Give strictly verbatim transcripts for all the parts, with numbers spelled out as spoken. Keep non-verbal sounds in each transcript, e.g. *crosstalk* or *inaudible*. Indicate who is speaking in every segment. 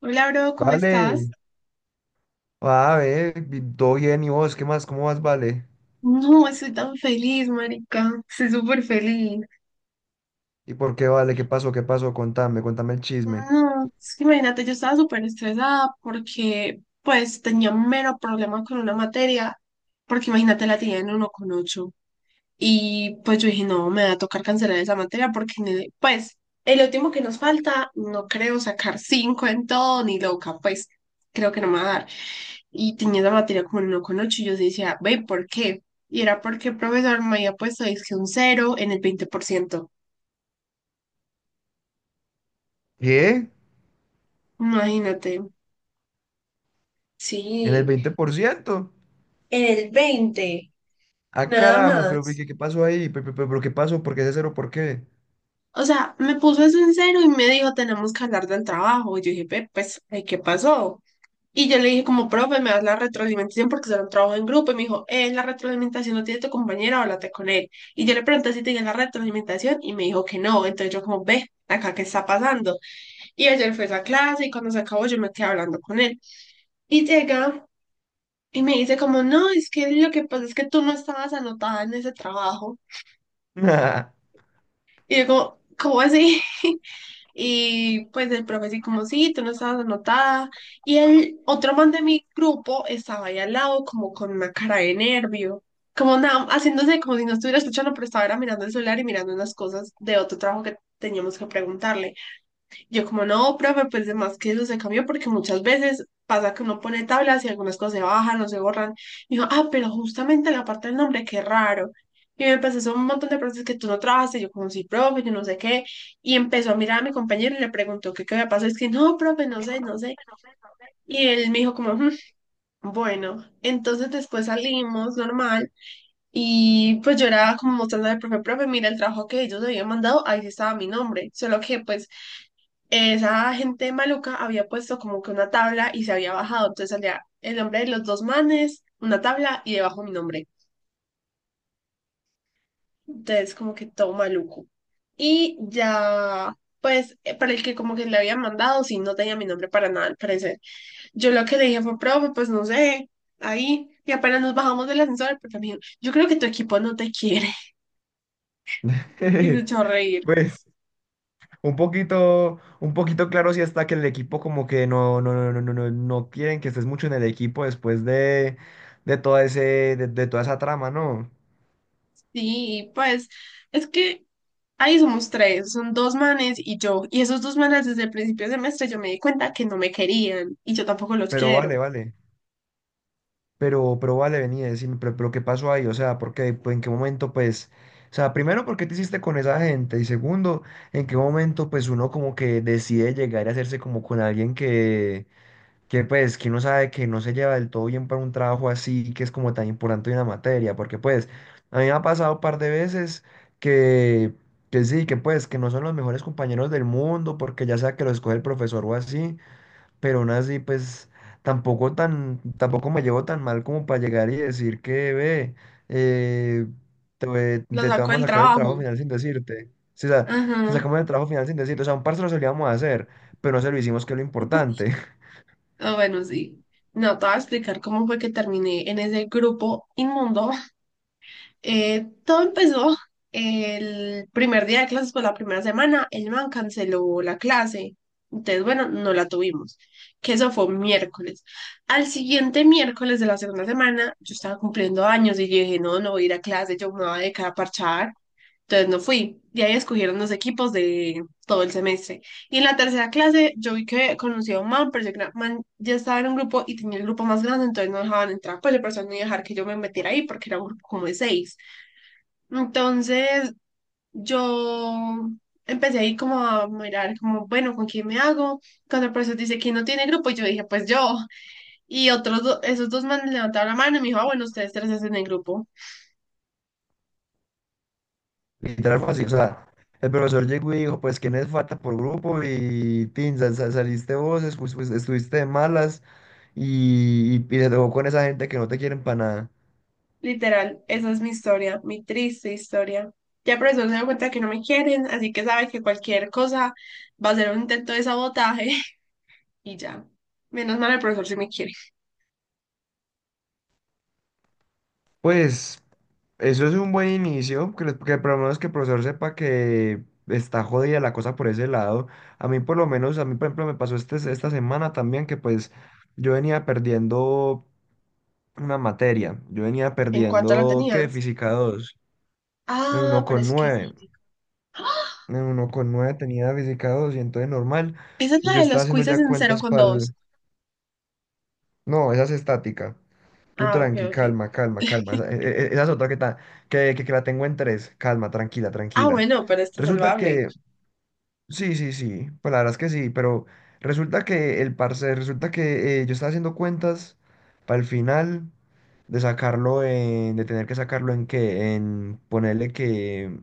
Speaker 1: Hola, bro, ¿cómo estás?
Speaker 2: Vale,
Speaker 1: *laughs*
Speaker 2: va a ver, vi- todo bien, ¿y vos qué más? ¿Cómo vas, vale?
Speaker 1: No, estoy tan feliz, marica. Estoy súper feliz.
Speaker 2: ¿Y por qué vale? ¿Qué pasó? ¿Qué pasó? Contame, contame el chisme.
Speaker 1: No, es que imagínate, yo estaba súper estresada porque, pues, tenía mero problema con una materia. Porque imagínate, la tenía en uno con ocho. Y pues yo dije, no, me va a tocar cancelar esa materia porque, en pues, el último que nos falta, no creo sacar cinco en todo, ni loca, pues, creo que no me va a dar. Y tenía esa materia como no con ocho, y yo decía, ve, ¿por qué? Y era porque el profesor me había puesto, es que un cero en el veinte por ciento.
Speaker 2: ¿Qué?
Speaker 1: Imagínate.
Speaker 2: ¿En el
Speaker 1: Sí,
Speaker 2: veinte por ciento?
Speaker 1: en el veinte
Speaker 2: Ah,
Speaker 1: nada
Speaker 2: carajo, pero ¿qué,
Speaker 1: más.
Speaker 2: qué pasó ahí? ¿Pero, pero, pero qué pasó? ¿Por qué ese cero? ¿Por qué?
Speaker 1: O sea, me puso eso en cero y me dijo, tenemos que hablar del trabajo. Y yo dije, ve, pues, ay, ¿qué pasó? Y yo le dije como, profe, me das la retroalimentación porque será un trabajo en grupo. Y me dijo, eh, la retroalimentación no tiene tu compañera, háblate con él. Y yo le pregunté si tenía la retroalimentación y me dijo que no. Entonces yo como, ve, acá qué está pasando. Y ayer fue esa clase y cuando se acabó yo me quedé hablando con él. Y llega y me dice como, no, es que lo que pasa es que tú no estabas anotada en ese trabajo.
Speaker 2: *laughs*
Speaker 1: Y yo como, ¿cómo así? *laughs* Y pues el profe así como, sí, tú no estabas anotada. Y el otro man de mi grupo estaba ahí al lado como con una cara de nervio, como nada, haciéndose como si no estuviera escuchando, pero estaba era mirando el celular y mirando unas cosas de otro trabajo que teníamos que preguntarle. Yo como no, profe, pues de más que eso se cambió porque muchas veces pasa que uno pone tablas y algunas cosas se bajan o se borran. Y yo, ah, pero justamente la parte del nombre, qué raro. Y me empezó a hacer un montón de preguntas que tú no trabajaste, yo como sí, profe, yo no sé qué. Y empezó a mirar a mi compañero y le preguntó que qué había pasado. Es que no, profe, no sé, no sé. Y él me dijo como, "Mm, bueno", entonces después salimos normal. Y pues yo era como mostrándole al profe, profe, mira el trabajo que ellos habían mandado, ahí sí estaba mi nombre. Solo que pues esa gente maluca había puesto como que una tabla y se había bajado, entonces salía el nombre de los dos manes, una tabla y debajo mi nombre. Entonces como que todo maluco. Y ya, pues eh, para el que como que le habían mandado, sí, no tenía mi nombre para nada al parecer. Yo lo que le dije fue, profe, pues no sé, ahí. Y apenas nos bajamos del ascensor, porque me dijo, yo creo que tu equipo no te quiere. *laughs* Y se echó a reír.
Speaker 2: Pues, un poquito, un poquito claro si está que el equipo como que no, no, no, no, no, no no quieren que estés mucho en el equipo después de, de todo ese, de, de toda esa trama, ¿no?
Speaker 1: Sí, pues es que ahí somos tres, son dos manes y yo. Y esos dos manes desde el principio del semestre yo me di cuenta que no me querían y yo tampoco los
Speaker 2: Pero vale,
Speaker 1: quiero.
Speaker 2: vale. Pero, pero vale, venía a decirme, pero, pero ¿qué pasó ahí? O sea, ¿por qué? Pues, ¿en qué momento, pues, o sea, primero, por qué te hiciste con esa gente? Y segundo, ¿en qué momento, pues, uno como que decide llegar a hacerse como con alguien que, que, pues, que uno sabe que no se lleva del todo bien para un trabajo así, que es como tan importante una materia? Porque, pues, a mí me ha pasado un par de veces que, que sí, que pues, que no son los mejores compañeros del mundo, porque ya sea que lo escoge el profesor o así, pero aún así, pues tampoco tan, tampoco me llevo tan mal como para llegar y decir que, ve, eh, te, ve-
Speaker 1: Los
Speaker 2: te, te
Speaker 1: saco
Speaker 2: vamos
Speaker 1: del
Speaker 2: a sacar el trabajo
Speaker 1: trabajo.
Speaker 2: final sin decirte. Sí, o sea, te
Speaker 1: Ajá.
Speaker 2: sacamos el trabajo final sin decirte. O sea, un parcero se lo íbamos a hacer, pero no se lo hicimos, que es lo importante. *laughs*
Speaker 1: Ah, bueno, sí. No, te voy a explicar cómo fue que terminé en ese grupo inmundo. Eh, todo empezó el primer día de clases, pues la primera semana, el man canceló la clase. Entonces, bueno, no la tuvimos, que eso fue un miércoles. Al siguiente miércoles de la segunda semana, yo estaba cumpliendo años y yo dije, no, no voy a ir a clase, yo me voy a dedicar a parchar. Entonces no fui. Y ahí escogieron los equipos de todo el semestre. Y en la tercera clase, yo vi que conocí a un man, pero yo creo man ya estaba en un grupo y tenía el grupo más grande, entonces no dejaban entrar, pues le personas no iba a dejar que yo me metiera ahí porque era un grupo como de seis. Entonces yo empecé ahí como a mirar, como, bueno, ¿con quién me hago? Cuando el profesor dice que no tiene grupo, y yo dije, pues yo. Y otros, do- esos dos manes levantaron la mano y me dijo, ah, bueno, ustedes tres hacen el grupo.
Speaker 2: Literal fácil. O sea, el profesor llegó y dijo, pues, ¿quién es falta por grupo? Y, tin, sal- sal- saliste vos, escu- pues, estuviste de malas y, y, y te tocó con esa gente que no te quieren para nada.
Speaker 1: Literal, esa es mi historia, mi triste historia. Ya el profesor se dio cuenta que no me quieren, así que sabe que cualquier cosa va a ser un intento de sabotaje *laughs* y ya. Menos mal el profesor sí me quiere.
Speaker 2: Pues eso es un buen inicio, que, lo- que por lo menos que el profesor sepa que está jodida la cosa por ese lado. A mí por lo menos, a mí por ejemplo me pasó este, esta semana también, que pues yo venía perdiendo una materia, yo venía
Speaker 1: ¿En cuánto lo
Speaker 2: perdiendo, ¿qué?
Speaker 1: tenías?
Speaker 2: Física dos. En
Speaker 1: Ah,
Speaker 2: uno
Speaker 1: pero
Speaker 2: con
Speaker 1: es que
Speaker 2: nueve
Speaker 1: sí. *gasps*
Speaker 2: En uno con nueve tenía física dos y entonces normal,
Speaker 1: Esa es la
Speaker 2: yo
Speaker 1: de
Speaker 2: estaba
Speaker 1: los
Speaker 2: haciendo
Speaker 1: quizzes
Speaker 2: ya
Speaker 1: en cero
Speaker 2: cuentas
Speaker 1: con
Speaker 2: para
Speaker 1: dos.
Speaker 2: el... No, esa es estática. Tú
Speaker 1: Ah, ok,
Speaker 2: tranqui,
Speaker 1: ok.
Speaker 2: calma, calma, calma. Esa, e- e- esa es otra que, ta- que, que, que la tengo en tres. Calma, tranquila,
Speaker 1: Ah,
Speaker 2: tranquila.
Speaker 1: bueno, pero está
Speaker 2: Resulta
Speaker 1: salvable.
Speaker 2: que, sí, sí, sí, pues la verdad es que sí, pero resulta que el parce, resulta que eh, yo estaba haciendo cuentas para el final de sacarlo en, de tener que sacarlo en que, en ponerle que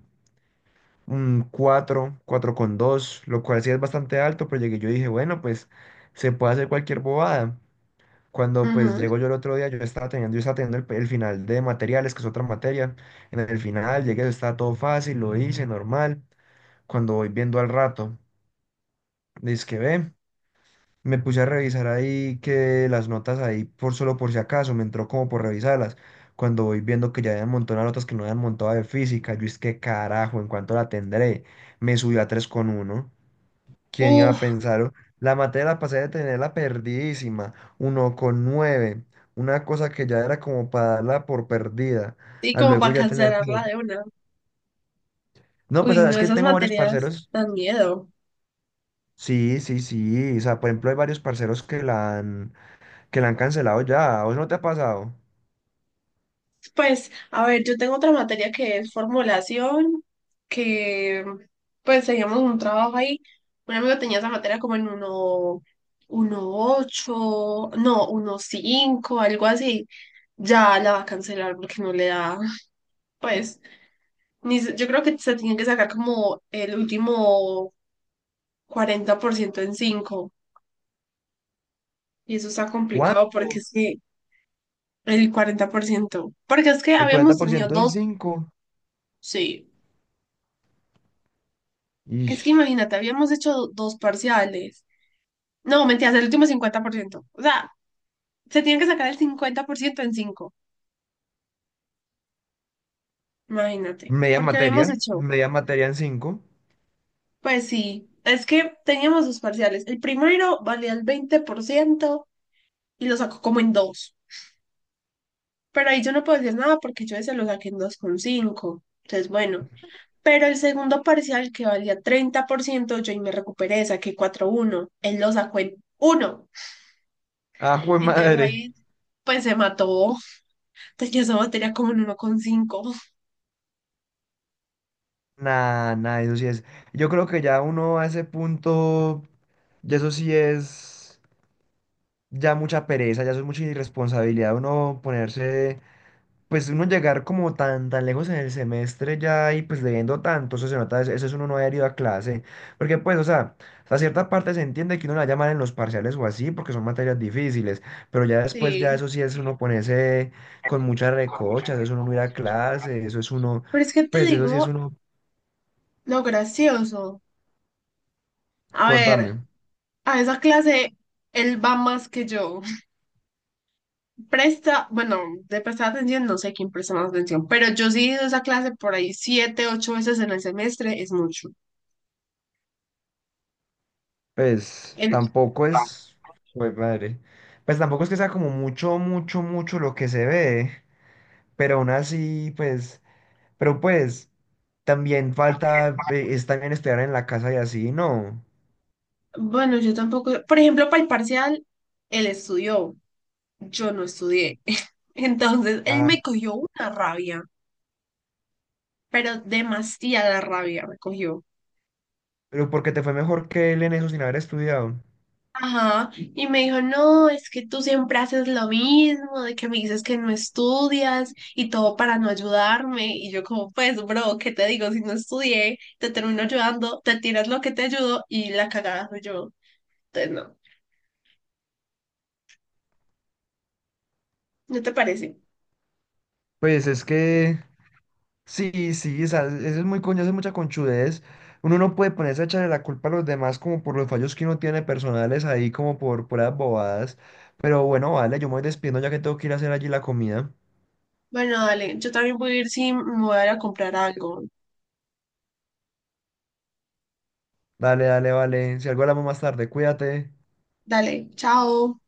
Speaker 2: un cuatro, cuatro con dos, lo cual sí es bastante alto, pero llegué, yo dije, bueno, pues se puede hacer cualquier bobada. Cuando pues
Speaker 1: Ujú.
Speaker 2: llego yo el otro día, yo estaba teniendo, yo estaba teniendo el, el final de materiales, que es otra materia. En el final llegué, estaba todo fácil, lo hice normal. Cuando voy viendo al rato, dice que ve, me puse a revisar ahí que las notas ahí, por solo por si acaso, me entró como por revisarlas. Cuando voy viendo que ya habían montado las notas que no habían montado de física, yo es que carajo, ¿en cuánto la tendré? Me subió a tres coma uno. ¿Quién iba a
Speaker 1: Uf,
Speaker 2: pensar? La materia la pasé de tenerla perdidísima, uno con nueve, una cosa que ya era como para darla por perdida,
Speaker 1: y
Speaker 2: a
Speaker 1: como
Speaker 2: luego
Speaker 1: para
Speaker 2: ya tener
Speaker 1: cancelarla
Speaker 2: como...
Speaker 1: de una.
Speaker 2: No, pues
Speaker 1: Uy, no,
Speaker 2: es que
Speaker 1: esas
Speaker 2: tengo varios
Speaker 1: materias
Speaker 2: parceros,
Speaker 1: dan miedo.
Speaker 2: sí, sí, sí, o sea, por ejemplo hay varios parceros que la han, que la han cancelado ya, ¿a ¿vos no te ha pasado?
Speaker 1: Pues, a ver, yo tengo otra materia que es formulación, que pues teníamos un trabajo ahí. Un amigo tenía esa materia como en uno, uno ocho, no, uno cinco, algo así. Ya la va a cancelar porque no le da, pues, ni, se- yo creo que se tiene que sacar como el último cuarenta por ciento en cinco. Y eso está complicado porque
Speaker 2: ¿Cuánto?
Speaker 1: es que el cuarenta por ciento porque es que
Speaker 2: El cuarenta
Speaker 1: habíamos
Speaker 2: por
Speaker 1: tenido
Speaker 2: ciento en
Speaker 1: dos,
Speaker 2: cinco.
Speaker 1: sí.
Speaker 2: Y
Speaker 1: Es que imagínate, habíamos hecho dos parciales. No, mentiras, el último cincuenta por ciento. O sea, se tiene que sacar el cincuenta por ciento en cinco. Imagínate.
Speaker 2: media
Speaker 1: Porque habíamos
Speaker 2: materia,
Speaker 1: hecho.
Speaker 2: media materia en cinco.
Speaker 1: Pues sí, es que teníamos dos parciales. El primero valía el veinte por ciento y lo sacó como en dos. Pero ahí yo no puedo decir nada porque yo ese lo saqué en dos coma cinco. Entonces, bueno. Pero el segundo parcial que valía treinta por ciento yo ahí me recuperé, saqué cuatro coma uno. Él lo sacó en uno.
Speaker 2: ¡Ah, jue
Speaker 1: Entonces
Speaker 2: madre!
Speaker 1: ahí, pues se mató. Tenía esa materia como en uno coma cinco.
Speaker 2: Nada, nada, eso sí es. Yo creo que ya uno a ese punto. Y eso sí es ya mucha pereza, ya eso es mucha irresponsabilidad uno ponerse, pues uno llegar como tan, tan lejos en el semestre ya y pues leyendo tanto, eso se nota, eso eso es uno no haber ido a clase. Porque pues, o sea, a cierta parte se entiende que uno la llaman en los parciales o así, porque son materias difíciles, pero ya después ya
Speaker 1: Sí.
Speaker 2: eso sí es uno ponerse con muchas recochas, eso es uno no ir a clase, eso es uno,
Speaker 1: Pero es que te
Speaker 2: pues eso sí es
Speaker 1: digo
Speaker 2: uno,
Speaker 1: lo gracioso. A ver,
Speaker 2: contame.
Speaker 1: a esa clase él va más que yo. Presta, bueno, de prestar atención, no sé quién presta más atención, pero yo sí he ido a esa clase por ahí siete, ocho veces en el semestre, es mucho.
Speaker 2: Pues
Speaker 1: En-
Speaker 2: tampoco es, pues madre, pues tampoco es que sea como mucho, mucho, mucho lo que se ve, pero aún así, pues, pero pues también falta, eh, es también estudiar en la casa y así, ¿no?
Speaker 1: bueno, yo tampoco, por ejemplo, para el parcial, él estudió, yo no estudié. *laughs* Entonces, él
Speaker 2: Ah,
Speaker 1: me cogió una rabia, pero demasiada rabia me cogió.
Speaker 2: pero porque te fue mejor que él en eso sin haber estudiado.
Speaker 1: Ajá, y me dijo, no, es que tú siempre haces lo mismo, de que me dices que no estudias y todo para no ayudarme. Y yo como, pues, bro, ¿qué te digo? Si no estudié, te termino ayudando, te tiras lo que te ayudo y la cagada soy yo. Entonces, no, ¿no te parece?
Speaker 2: Pues es que, sí, sí, o sea, eso es muy coño, eso es mucha conchudez. Uno no puede ponerse a echarle la culpa a los demás como por los fallos que uno tiene personales ahí, como por puras bobadas. Pero bueno, vale, yo me voy despidiendo ya que tengo que ir a hacer allí la comida.
Speaker 1: Bueno, dale, yo también voy a ir si me voy a ir a comprar algo.
Speaker 2: Dale, dale, vale. Si algo hablamos más tarde, cuídate.
Speaker 1: Dale, chao.